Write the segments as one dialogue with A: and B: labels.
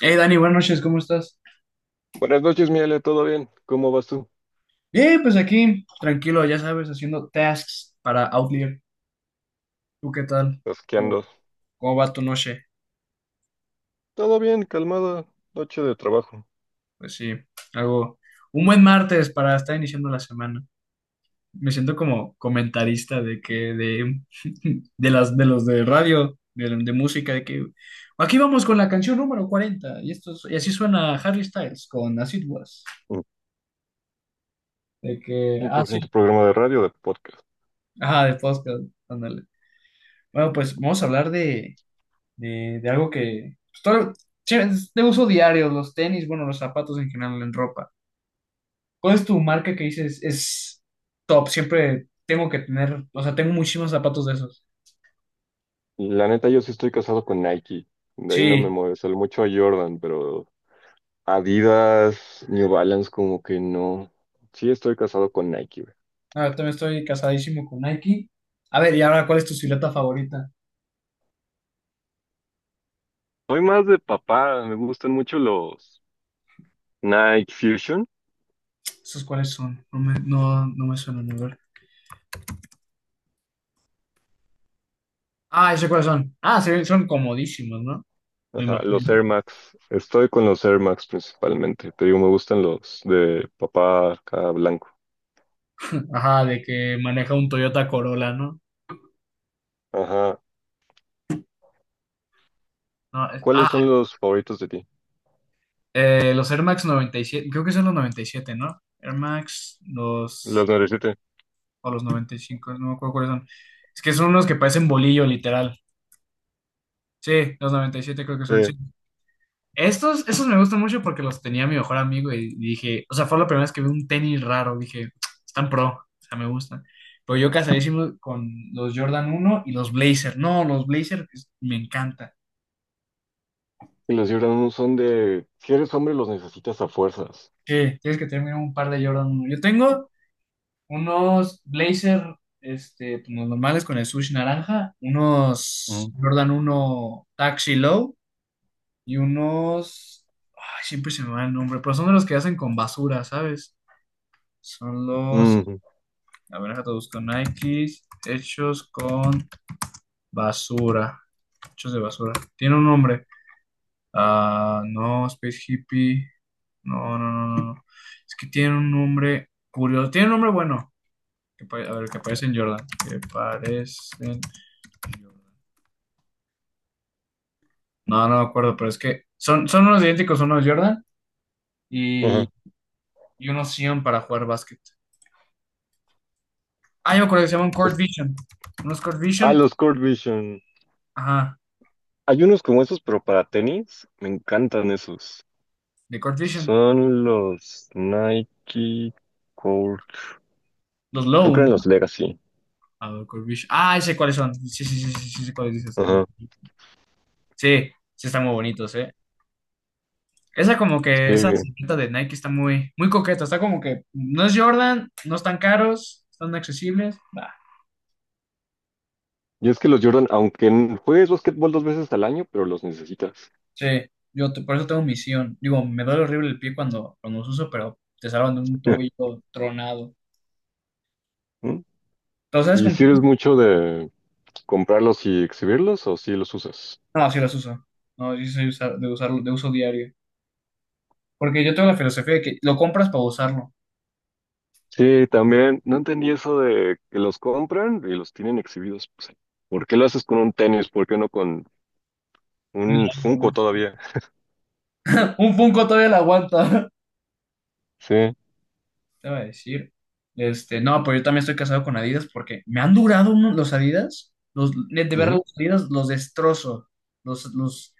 A: Hey Dani, buenas noches, ¿cómo estás?
B: Buenas noches, Miele, ¿todo bien? ¿Cómo vas tú?
A: Bien, pues aquí, tranquilo, ya sabes, haciendo tasks para Outlier. ¿Tú qué tal?
B: Pues, ¿qué
A: ¿Cómo,
B: andas?
A: cómo va tu noche?
B: Todo bien, calmada, noche de trabajo.
A: Pues sí, algo. Un buen martes para estar iniciando la semana. Me siento como comentarista de radio, de música, de que aquí vamos con la canción número 40 y y así suena Harry Styles con As It Was.
B: Mm,
A: Ah, sí,
B: 100% programa de radio, de podcast.
A: ajá, de podcast, ándale. Bueno, pues vamos a hablar de algo que pues, sí, es de uso diario, los tenis, bueno, los zapatos en general, en ropa. ¿Cuál es tu marca que dices es top? Siempre tengo que tener, o sea, tengo muchísimos zapatos de esos.
B: La neta, yo sí estoy casado con Nike. De ahí no me
A: Sí,
B: mueve, sale mucho a Jordan, pero Adidas, New Balance, como que no. Sí estoy casado con Nike, güey.
A: a ver, también estoy casadísimo con Nike. A ver, y ahora, ¿cuál es tu silueta favorita?
B: Soy más de papá, me gustan mucho los Nike Fusion.
A: ¿Esos cuáles son? No me suenan, a ver. Ah, ¿esos cuáles son? Ah, sí, son comodísimos, ¿no? Me
B: Ajá,
A: imagino.
B: los Air Max. Estoy con los Air Max principalmente. Te digo, me gustan los de papá acá blanco.
A: Ajá, de que maneja un Toyota Corolla, ¿no?
B: Ajá.
A: No,
B: ¿Cuáles
A: ah,
B: son los favoritos de ti?
A: Los Air Max 97, creo que son los 97, ¿no?
B: Los 97.
A: O los 95, no me acuerdo cuáles son. Es que son unos que parecen bolillo, literal. Sí, los 97 creo que son, sí.
B: Eh,
A: Estos me gustan mucho porque los tenía mi mejor amigo y dije, o sea, fue la primera vez que vi un tenis raro, dije, están pro, o sea, me gustan. Pero yo casadísimo con los Jordan 1 y los Blazer. No, los Blazer me encanta.
B: y los Gibran son de, si eres hombre, los necesitas a fuerzas.
A: Sí, tienes que tener mínimo un par de Jordan 1. Yo tengo unos blazer, pues, los normales con el swoosh naranja, unos
B: Ujú.
A: Jordan 1 Taxi Low y unos, ay, siempre se me va el nombre, pero son de los que hacen con basura, ¿sabes? Son los,
B: Ujú,
A: a ver, déjate busco Nikes, hechos con basura, hechos de basura. Tiene un nombre. Ah, no, Space Hippie. No, no, no, no, no. Es que tiene un nombre curioso. Tiene un nombre bueno. A ver, que parecen Jordan. Que parecen Jordan. No, no me acuerdo, pero es que son unos idénticos, unos Jordan y,
B: ajá.
A: y unos Sion para jugar básquet. Ah, yo me acuerdo que se llaman
B: Es-
A: Court Vision. Unos Court
B: ah,
A: Vision,
B: los Court Vision.
A: ajá,
B: Hay unos como esos, pero para tenis. Me encantan esos.
A: de Court Vision.
B: Son los Nike Court.
A: Los
B: Creo
A: Low,
B: que
A: ¿no?
B: eran los Legacy.
A: A ver, Court Vision. Ah, ya sé cuáles son. Sí, sí, sí, sí, sí, sé cuáles dices. A ver.
B: Ajá.
A: Sí, sí, están muy bonitos, ¿eh? Esa, como que esa
B: Sí.
A: silueta de Nike está muy, muy coqueta. Está como que no es Jordan, no están caros, están accesibles.
B: Y es que los Jordan, aunque juegues básquetbol dos veces al año, pero los necesitas.
A: Sí, yo por eso tengo misión. Digo, me duele horrible el pie cuando los uso, pero te salvan de un tobillo tronado.
B: ¿Mm?
A: ¿Pero sabes
B: ¿Y
A: con
B: si
A: quién?
B: eres mucho de comprarlos y exhibirlos o si los usas?
A: No, sí los uso. No, yo soy de usarlo, de uso diario. Porque yo tengo la filosofía de que lo compras para usarlo.
B: Sí, también. No entendí eso de que los compran y los tienen exhibidos. Pues, ¿por qué lo haces con un tenis? ¿Por qué no con
A: Un,
B: un Funko todavía?
A: un Funko todavía lo aguanta.
B: Sí.
A: Te iba a decir. No, pero yo también estoy casado con Adidas porque me han durado los Adidas. De ver
B: Ujú.
A: los Adidas, los destrozo. Los, los,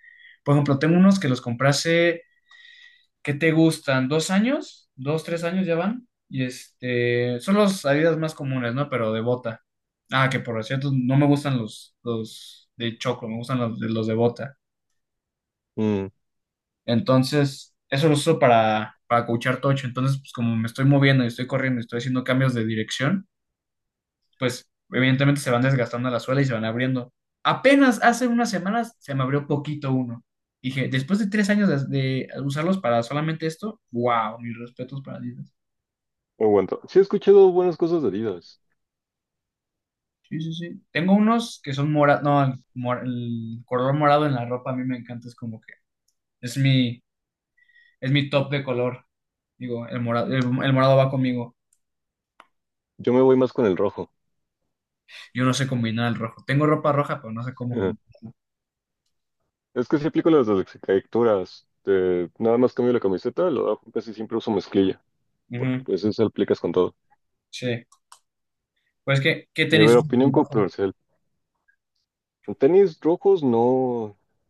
A: por ejemplo, tengo unos que los compré hace, ¿qué te gustan? ¿2 años? ¿2, 3 años ya van? Y son los Adidas más comunes, ¿no? Pero de bota. Ah, que por cierto, no me gustan los de choclo, me gustan los de bota.
B: Mm,
A: Entonces, eso lo uso para coachar tocho. Entonces, pues como me estoy moviendo y estoy corriendo y estoy haciendo cambios de dirección, pues evidentemente se van desgastando la suela y se van abriendo. Apenas hace unas semanas se me abrió poquito uno. Dije, después de 3 años de usarlos para solamente esto, wow, mis respetos para Adidas.
B: no aguanto. Sí, he escuchado buenas cosas de Adidas.
A: Sí, sí, sí. Tengo unos que son morados, no, el color morado en la ropa a mí me encanta, es como que es mi, es mi top de color. Digo, el morado, el morado va conmigo.
B: Yo me voy más con el rojo.
A: Yo no sé combinar el rojo. Tengo ropa roja, pero no sé cómo
B: Ajá.
A: combinar.
B: Es que sí aplico las descaricaturas. De, nada más cambio la camiseta, lo dejo, casi siempre uso mezclilla, porque
A: Ujú.
B: pues eso aplicas con todo.
A: Sí. Pues ¿qué
B: Y a
A: tenis
B: ver,
A: usas
B: opinión
A: en rojo?
B: controversial. En tenis rojos no,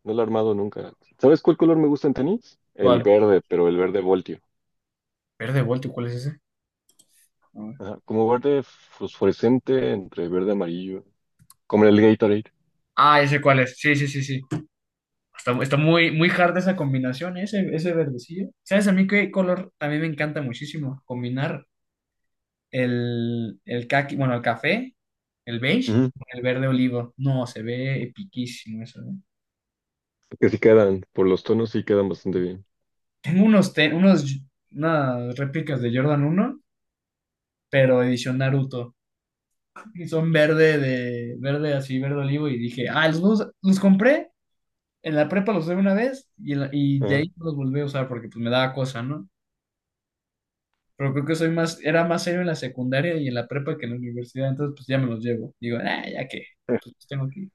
B: no lo he armado nunca. ¿Sabes cuál color me gusta en tenis? El
A: ¿Cuál?
B: verde, pero el verde voltio.
A: Verde Voltio, ¿cuál es ese? A ver.
B: Ajá, como verde fosforescente entre verde amarillo, como el Gatorade.
A: Ah, ese cuál es. Sí, sí, sí, sí. Está muy, muy hard esa combinación, ese verdecillo. ¿Sabes a mí qué color también me encanta muchísimo combinar? El caqui, bueno, el café, el beige,
B: Ujú,
A: con el verde olivo. No, se ve epiquísimo eso, ¿eh?
B: que sí quedan, por los tonos sí quedan bastante bien.
A: Tengo unas réplicas de Jordan 1, pero edición Naruto. Y son verde así, verde olivo. Y dije, ah, los compré en la prepa, los usé una vez y de
B: Ajá.
A: ahí no los volví a usar porque pues me daba cosa, ¿no? Pero creo que soy más, era más serio en la secundaria y en la prepa que en la universidad, entonces pues ya me los llevo. Digo, ah, ya que,
B: Eh,
A: pues los tengo aquí.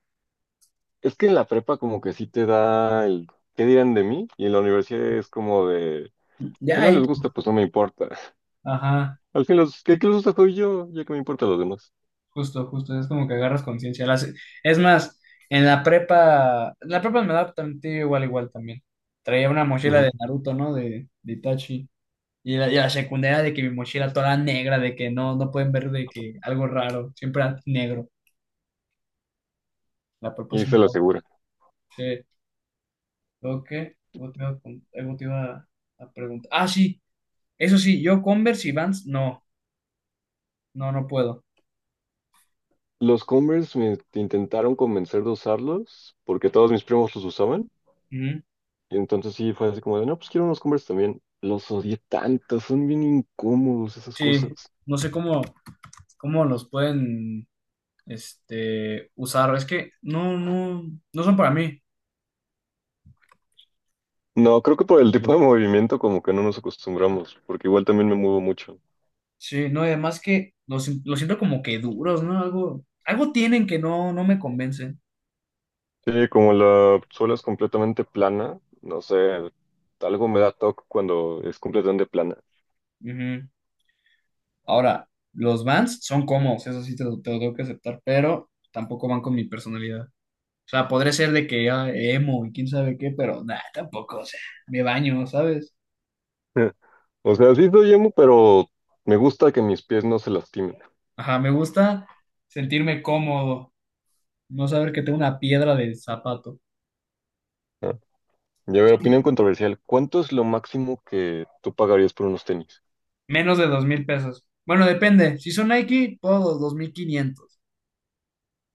B: Es que en la prepa como que sí te da el ¿qué dirán de mí? Y en la universidad es como de, si
A: Ya.
B: no les gusta, pues no me importa.
A: Ajá.
B: Al fin los que les gusta soy yo, ya que me importa los demás.
A: Justo, justo, es como que agarras conciencia. Es más, en la prepa me da también igual, igual también. Traía una mochila
B: Ujú.
A: de Naruto, ¿no? De Itachi. Y la secundaria de que mi mochila toda negra, de que no pueden ver de que algo raro, siempre era negro. La prepa
B: Y
A: sí.
B: se lo
A: Daba.
B: asegura.
A: Sí. Luego, que algo te iba a, con- algo te iba a preguntar. Ah, sí, eso sí, yo Converse y Vans, no, no, no puedo.
B: Los Converse me intentaron convencer de usarlos porque todos mis primos los usaban.
A: Ujú.
B: Y entonces sí fue así como de, no, pues quiero unos Converse también. Los odié tanto, son bien incómodos esas
A: Sí,
B: cosas.
A: no sé cómo los pueden usar. Es que no, no, no son para mí.
B: No, creo que por el tipo de movimiento como que no nos acostumbramos, porque igual también me muevo mucho.
A: Sí, no, y además que los, sin- los siento como que duros, ¿no? Algo tienen que no me convencen.
B: Sí, como la suela es completamente plana, no sé, algo me da toque cuando es completamente plana.
A: Ujú. Ahora, los Vans son cómodos, eso sí te lo tengo que aceptar, pero tampoco van con mi personalidad. O sea, podré ser de que ya emo y quién sabe qué, pero nada, tampoco, o sea, me baño, ¿sabes?
B: O sea, sí soy emo, pero me gusta que mis pies no se lastimen.
A: Ajá, me gusta sentirme cómodo, no saber que tengo una piedra de zapato.
B: ¿No? Y a ver, opinión controversial, ¿cuánto es lo máximo que tú pagarías por unos tenis?
A: Menos de 2,000 pesos. Bueno, depende. Si son Nike, puedo 2,500.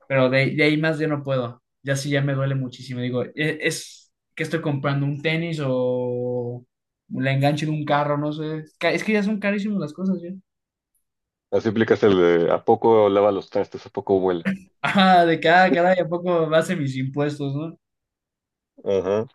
A: Pero de ahí más yo no puedo. Ya sí, ya me duele muchísimo. Digo, que estoy comprando un tenis o la enganche de un carro, no sé. Es que ya son carísimas las cosas, ya.
B: Así aplicas el de, ¿a poco lava los trastes? ¿A poco vuela?
A: Ajá, de cada, ¿a poco base mis impuestos?, ¿no?
B: Ajá.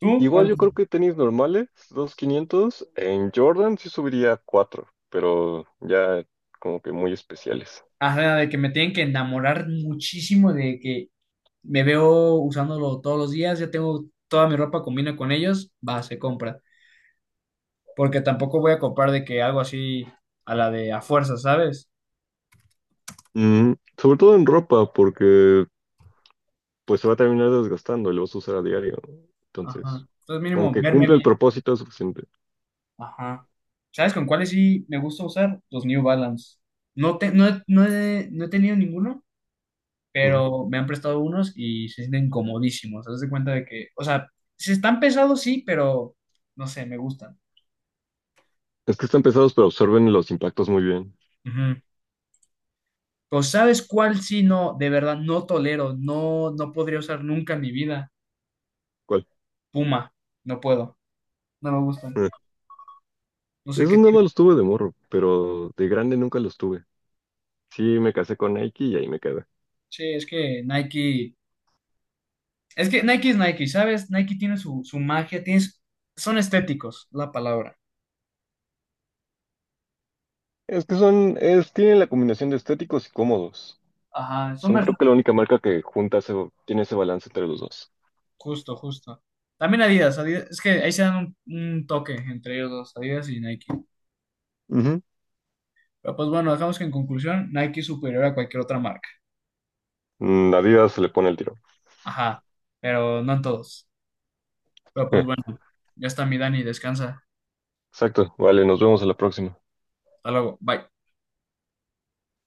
A: ¿Tú
B: Igual
A: cuánto?
B: yo creo que tenis normales, 2.500 en Jordan sí subiría a 4, pero ya como que muy especiales.
A: Ajá, de que me tienen que enamorar muchísimo de que me veo usándolo todos los días, ya tengo toda mi ropa combina con ellos, va, se compra. Porque tampoco voy a copar de que algo así a la de a fuerza, ¿sabes?
B: Mm, sobre todo en ropa, porque pues se va a terminar desgastando y lo vas a usar a diario, ¿no?
A: Ajá.
B: Entonces,
A: Entonces mínimo
B: aunque
A: verme
B: cumple el
A: bien.
B: propósito es suficiente.
A: Ajá. ¿Sabes con cuáles sí me gusta usar? Los New Balance. No, te, no, he- no, he, no he tenido ninguno,
B: Ujú.
A: pero me han prestado unos y se sienten comodísimos. Haz de cuenta de que, o sea, se están pesados, sí, pero no sé, me gustan.
B: Es que están pesados, pero absorben los impactos muy bien.
A: Ujú. Pues, ¿sabes cuál sí no, de verdad, no tolero, no podría usar nunca en mi vida?
B: ¿Cuál?
A: Puma, no puedo, no me gustan.
B: Eh,
A: No sé
B: Esos
A: qué.
B: nada más los tuve de morro, pero de grande nunca los tuve. Sí, me casé con Nike y ahí me quedé.
A: Sí, es que Nike, es que Nike es Nike, ¿sabes? Nike tiene su magia, son estéticos, la palabra.
B: Es que son, es, tienen la combinación de estéticos y cómodos.
A: Ajá, son
B: Son creo que la
A: versátiles.
B: única marca que junta ese, tiene ese balance entre los dos.
A: Justo, justo. También Adidas, es que ahí se dan un toque entre ellos dos, Adidas y Nike.
B: Ujú.
A: Pero pues bueno, dejamos que en conclusión, Nike es superior a cualquier otra marca.
B: Mm, Adidas se le pone el tiro.
A: Ajá, pero no en todos. Pero pues
B: Eh,
A: bueno, ya está mi Dani, descansa.
B: Exacto, vale, nos vemos a la próxima.
A: Hasta luego, bye.